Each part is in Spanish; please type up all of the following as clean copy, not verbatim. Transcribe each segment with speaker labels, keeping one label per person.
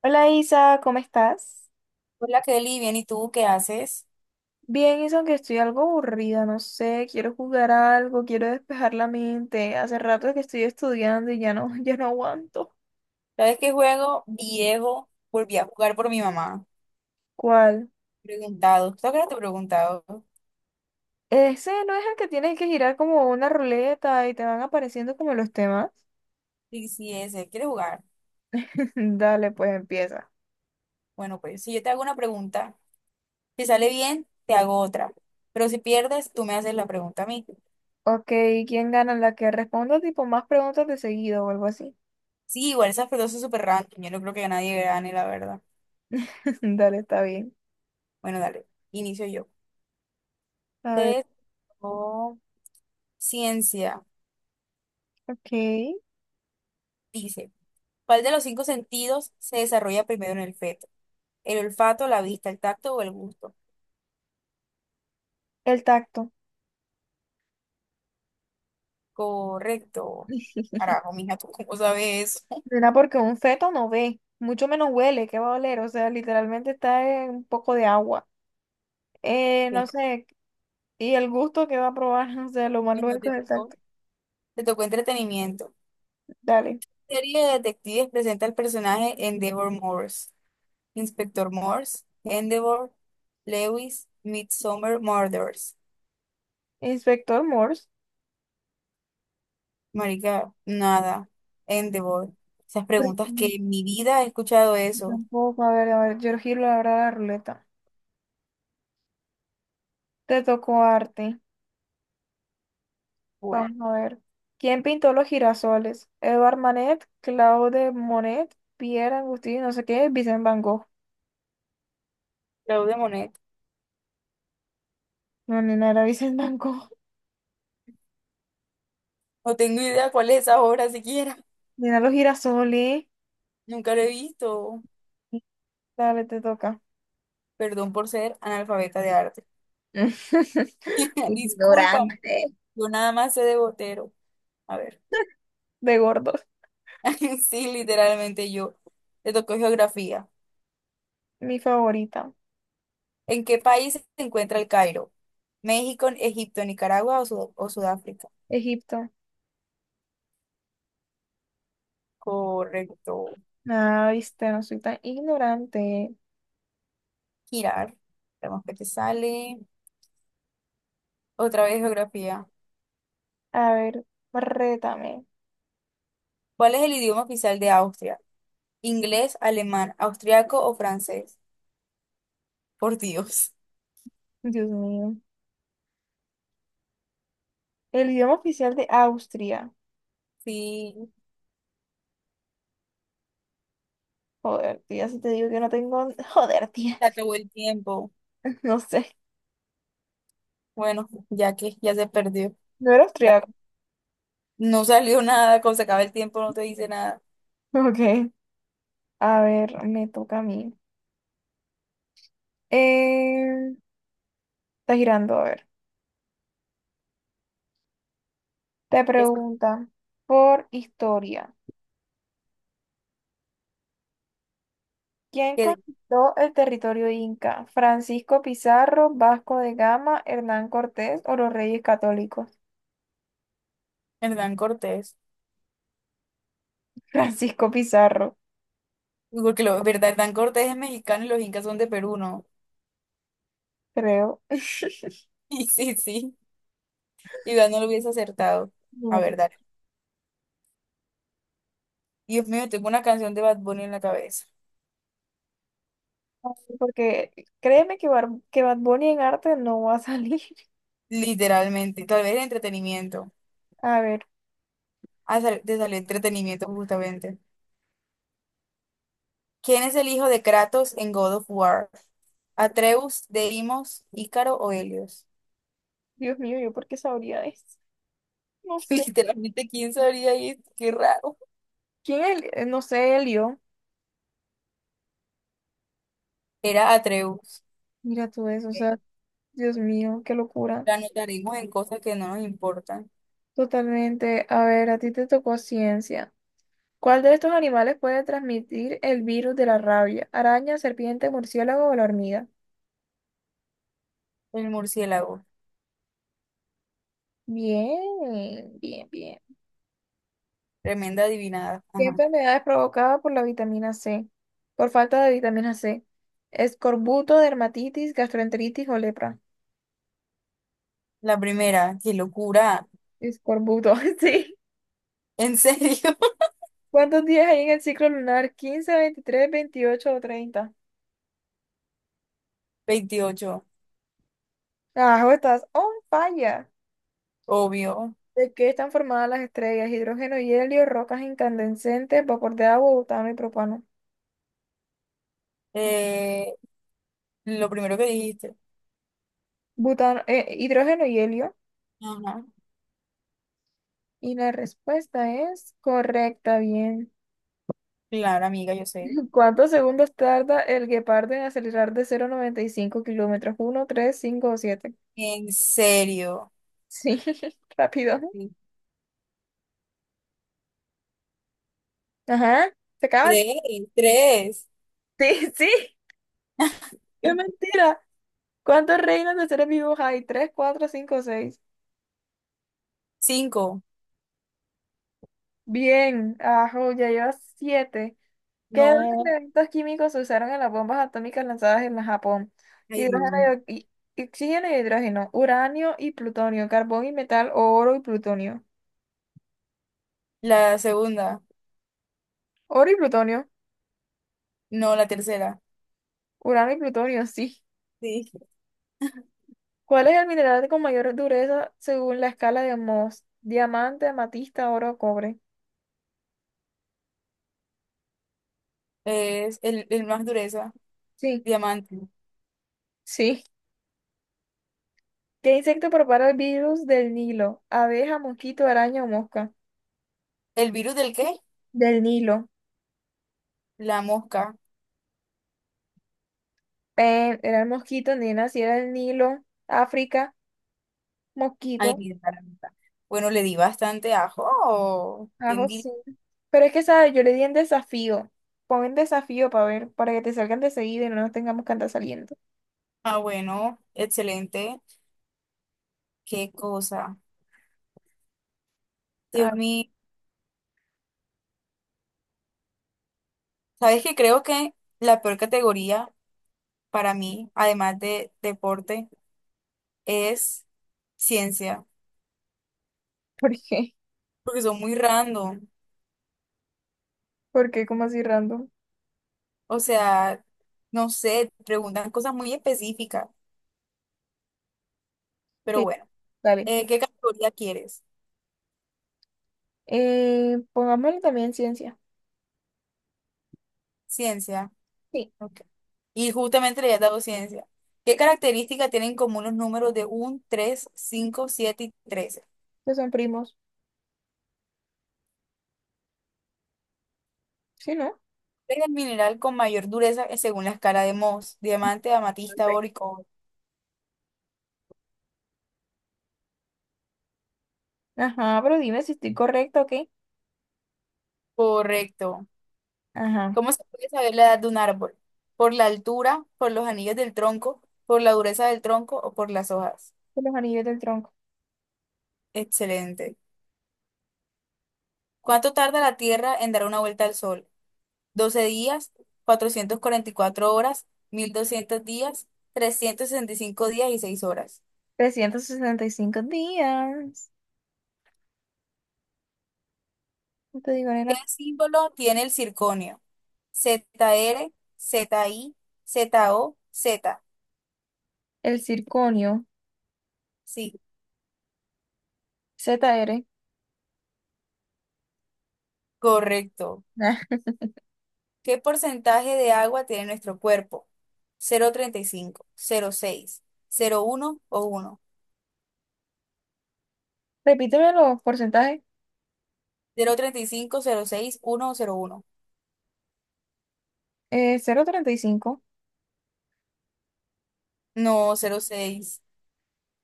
Speaker 1: Hola Isa, ¿cómo estás?
Speaker 2: Hola Kelly, bien, ¿y tú qué haces?
Speaker 1: Bien, Isa, aunque estoy algo aburrida, no sé, quiero jugar a algo, quiero despejar la mente. Hace rato que estoy estudiando y ya no, ya no aguanto.
Speaker 2: ¿Sabes qué juego viejo volví a jugar por mi mamá?
Speaker 1: ¿Cuál?
Speaker 2: Preguntado. ¿Tú que no te he preguntado?
Speaker 1: Ese no es el que tienes que girar como una ruleta y te van apareciendo como los temas.
Speaker 2: Sí, sí, ese. ¿Quieres jugar?
Speaker 1: Dale, pues empieza.
Speaker 2: Bueno, pues si yo te hago una pregunta, si sale bien, te hago otra. Pero si pierdes, tú me haces la pregunta a mí.
Speaker 1: Ok, ¿quién gana? La que responda tipo más preguntas de seguido o algo así.
Speaker 2: Sí, igual esas preguntas son súper random. Yo no creo que nadie gane, la verdad.
Speaker 1: Dale, está bien.
Speaker 2: Bueno, dale. Inicio yo.
Speaker 1: A ver,
Speaker 2: Te o ciencia.
Speaker 1: ok.
Speaker 2: Dice, ¿cuál de los cinco sentidos se desarrolla primero en el feto? ¿El olfato, la vista, el tacto o el gusto?
Speaker 1: El tacto.
Speaker 2: Correcto. Carajo, mija, ¿tú cómo sabes eso?
Speaker 1: Será porque un feto no ve, mucho menos huele, ¿qué va a oler? O sea, literalmente está en un poco de agua. No
Speaker 2: Bien.
Speaker 1: sé, y el gusto que va a probar, o sea, lo más
Speaker 2: Bueno,
Speaker 1: lógico
Speaker 2: te
Speaker 1: es el
Speaker 2: tocó,
Speaker 1: tacto.
Speaker 2: te tocó entretenimiento.
Speaker 1: Dale,
Speaker 2: La serie de detectives presenta al personaje Endeavor Morse, Inspector Morse, Endeavor, Lewis, Midsummer Murders.
Speaker 1: Inspector Morse.
Speaker 2: Marica, nada. Endeavor. Esas
Speaker 1: Pero,
Speaker 2: preguntas que en mi vida he escuchado eso.
Speaker 1: tampoco, a ver, yo giro ahora la ruleta. Te tocó arte,
Speaker 2: Bueno,
Speaker 1: vamos a ver. ¿Quién pintó los girasoles? Edvard Manet, Claude Monet, Pierre Agustín, no sé qué, Vincent Van Gogh.
Speaker 2: Claude Monet.
Speaker 1: No, ni nada, era Vincent Van Gogh.
Speaker 2: No tengo idea cuál es esa obra siquiera.
Speaker 1: Mira los girasoles.
Speaker 2: Nunca lo he visto.
Speaker 1: Dale, te toca.
Speaker 2: Perdón por ser analfabeta de arte. Disculpa.
Speaker 1: Ignorante.
Speaker 2: Yo nada más sé de Botero. A ver,
Speaker 1: De gordos.
Speaker 2: sí, literalmente yo. Le tocó geografía.
Speaker 1: Mi favorita,
Speaker 2: ¿En qué país se encuentra el Cairo? ¿México, Egipto, Nicaragua o, o Sudáfrica?
Speaker 1: Egipto.
Speaker 2: Correcto.
Speaker 1: Ah, viste, no soy tan ignorante.
Speaker 2: Girar. Vemos que te sale. Otra vez geografía.
Speaker 1: A ver, rétame.
Speaker 2: ¿Cuál es el idioma oficial de Austria? ¿Inglés, alemán, austriaco o francés? Por Dios.
Speaker 1: Dios mío. El idioma oficial de Austria.
Speaker 2: Sí,
Speaker 1: Joder, tía, si te digo que no tengo. Joder, tía.
Speaker 2: se acabó el tiempo.
Speaker 1: No sé.
Speaker 2: Bueno, ya que ya se perdió.
Speaker 1: No era austriaco.
Speaker 2: No salió nada, cuando se acaba el tiempo no te dice nada.
Speaker 1: Ok. A ver, me toca a mí. Eh, está girando, a ver. Te
Speaker 2: Es
Speaker 1: pregunta por historia. ¿Quién
Speaker 2: que
Speaker 1: conquistó el territorio inca? ¿Francisco Pizarro, Vasco de Gama, Hernán Cortés o los Reyes Católicos?
Speaker 2: Hernán Cortés.
Speaker 1: Francisco Pizarro,
Speaker 2: Porque lo, verdad, Hernán Cortés es mexicano y los incas son de Perú, ¿no?
Speaker 1: creo.
Speaker 2: Y sí, sí. Igual no lo hubiese acertado. A
Speaker 1: No te-
Speaker 2: ver, dale. Dios mío, tengo una canción de Bad Bunny en la cabeza.
Speaker 1: Porque créeme que Bad Bunny en arte no va a salir.
Speaker 2: Literalmente. Tal vez entretenimiento.
Speaker 1: A ver,
Speaker 2: Ah, te salió entretenimiento justamente. ¿Quién es el hijo de Kratos en God of War? ¿Atreus, Deimos, Ícaro o Helios?
Speaker 1: Dios mío, ¿yo por qué sabría eso? No sé.
Speaker 2: Literalmente, ¿quién sabría esto? Qué raro.
Speaker 1: ¿Quién es? No sé, Elio.
Speaker 2: Era Atreus.
Speaker 1: Mira tú eso, o
Speaker 2: Ok.
Speaker 1: sea, Dios mío, qué locura.
Speaker 2: La anotaremos en cosas que no nos importan.
Speaker 1: Totalmente. A ver, a ti te tocó ciencia. ¿Cuál de estos animales puede transmitir el virus de la rabia? ¿Araña, serpiente, murciélago o la hormiga?
Speaker 2: El murciélago.
Speaker 1: Bien, bien, bien.
Speaker 2: Tremenda adivinada.
Speaker 1: ¿Qué
Speaker 2: Ajá.
Speaker 1: enfermedad es provocada por la vitamina C? Por falta de vitamina C. Escorbuto, dermatitis, gastroenteritis o lepra.
Speaker 2: La primera, qué locura.
Speaker 1: Escorbuto, sí.
Speaker 2: ¿En serio?
Speaker 1: ¿Cuántos días hay en el ciclo lunar? 15, 23, 28 o 30?
Speaker 2: Veintiocho,
Speaker 1: Carajo, estás on fire.
Speaker 2: obvio.
Speaker 1: ¿De qué están formadas las estrellas? Hidrógeno y helio, rocas incandescentes, vapor de agua, butano y propano.
Speaker 2: Eh, lo primero que dijiste.
Speaker 1: Hidrógeno y helio.
Speaker 2: Ajá.
Speaker 1: Y la respuesta es correcta, bien.
Speaker 2: Claro, amiga, yo sé.
Speaker 1: ¿Cuántos segundos tarda el guepardo en acelerar de 0 a 95 kilómetros? Uno, 3, 5, o 7.
Speaker 2: ¿En serio?
Speaker 1: Sí, rápido.
Speaker 2: Sí.
Speaker 1: Ajá, se acaba.
Speaker 2: Tres, tres.
Speaker 1: Sí, sí, qué mentira. ¿Cuántos reinos de seres vivos hay? 3, 4, 5, 6.
Speaker 2: Cinco.
Speaker 1: Bien, ajo, ya llevas 7. ¿Qué dos
Speaker 2: No.
Speaker 1: elementos químicos se usaron en las bombas atómicas lanzadas en Japón?
Speaker 2: Ay, Dios
Speaker 1: Hidrógeno
Speaker 2: mío.
Speaker 1: y oxígeno y hidrógeno, uranio y plutonio, carbón y metal o oro y plutonio.
Speaker 2: La segunda.
Speaker 1: Oro y plutonio,
Speaker 2: No, la tercera.
Speaker 1: uranio y plutonio, sí.
Speaker 2: Sí.
Speaker 1: ¿Cuál es el mineral con mayor dureza según la escala de Mohs? Diamante, amatista, oro, cobre.
Speaker 2: Es el más dureza.
Speaker 1: Sí,
Speaker 2: Diamante.
Speaker 1: sí. ¿Qué insecto propaga el virus del Nilo? ¿Abeja, mosquito, araña o mosca?
Speaker 2: ¿El virus del qué?
Speaker 1: Del Nilo.
Speaker 2: La mosca.
Speaker 1: Era el mosquito, nena, si era el Nilo, África, mosquito.
Speaker 2: Ay, mi garganta. Bueno, le di bastante ajo. Oh, ¿quién
Speaker 1: Ajo
Speaker 2: diría?
Speaker 1: sí. Pero es que, ¿sabes? Yo le di en desafío. Pon en desafío para ver, para que te salgan de seguida y no nos tengamos que andar saliendo.
Speaker 2: Ah, bueno, excelente. Qué cosa. Dios
Speaker 1: Ah,
Speaker 2: mío. Sabes que creo que la peor categoría para mí, además de deporte, es ciencia,
Speaker 1: ¿por qué?
Speaker 2: porque son muy random.
Speaker 1: ¿Por qué? ¿Cómo así random?
Speaker 2: O sea, no sé, preguntan cosas muy específicas. Pero
Speaker 1: Sí,
Speaker 2: bueno,
Speaker 1: dale.
Speaker 2: ¿qué categoría quieres?
Speaker 1: Pongámosle también ciencia.
Speaker 2: Ciencia.
Speaker 1: Sí,
Speaker 2: Ok. Y justamente le he dado ciencia. ¿Qué características tienen en común los números de uno, 3, 5, 7 y 13?
Speaker 1: que son primos. Sí, ¿no?
Speaker 2: Es el mineral con mayor dureza según la escala de Mohs, diamante, amatista, oro
Speaker 1: Ok.
Speaker 2: y cobre.
Speaker 1: Ajá, pero dime si estoy correcta o
Speaker 2: Correcto.
Speaker 1: Ajá.
Speaker 2: ¿Cómo se puede saber la edad de un árbol? ¿Por la altura, por los anillos del tronco, por la dureza del tronco o por las hojas?
Speaker 1: De los anillos del tronco.
Speaker 2: Excelente. ¿Cuánto tarda la Tierra en dar una vuelta al Sol? Doce días, 444 horas, 1200 días, 365 días y 6 horas.
Speaker 1: 365 días. No te digo,
Speaker 2: ¿Qué
Speaker 1: nena.
Speaker 2: símbolo tiene el circonio? ZR, ZI, ZO, Z.
Speaker 1: El circonio.
Speaker 2: Sí,
Speaker 1: ZR.
Speaker 2: correcto.
Speaker 1: Ah,
Speaker 2: ¿Qué porcentaje de agua tiene nuestro cuerpo? 0,35, 0,6, uno o
Speaker 1: repíteme los porcentajes.
Speaker 2: 1. 0,35, seis, uno o cero coma uno.
Speaker 1: Cero punto treinta y cinco.
Speaker 2: No, cero coma seis.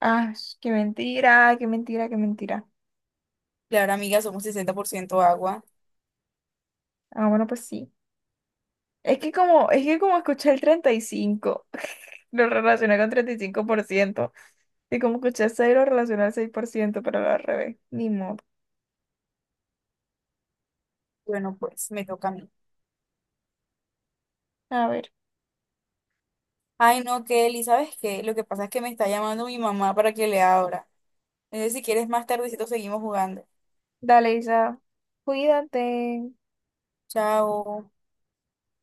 Speaker 1: Ah, qué mentira, qué mentira, qué mentira.
Speaker 2: Claro, amiga, somos 60% agua.
Speaker 1: Ah, bueno, pues sí. Es que como escuché el 35, lo relacioné con 35% y como escuché 6, lo relacioné al 6% pero al revés. Ni modo.
Speaker 2: Bueno, pues me toca a mí.
Speaker 1: A ver,
Speaker 2: Ay, no, Kelly, ¿sabes qué? Lo que pasa es que me está llamando mi mamá para que le abra. Entonces, si quieres, más tardecito seguimos jugando.
Speaker 1: dale, Isa. Cuídate.
Speaker 2: Chao.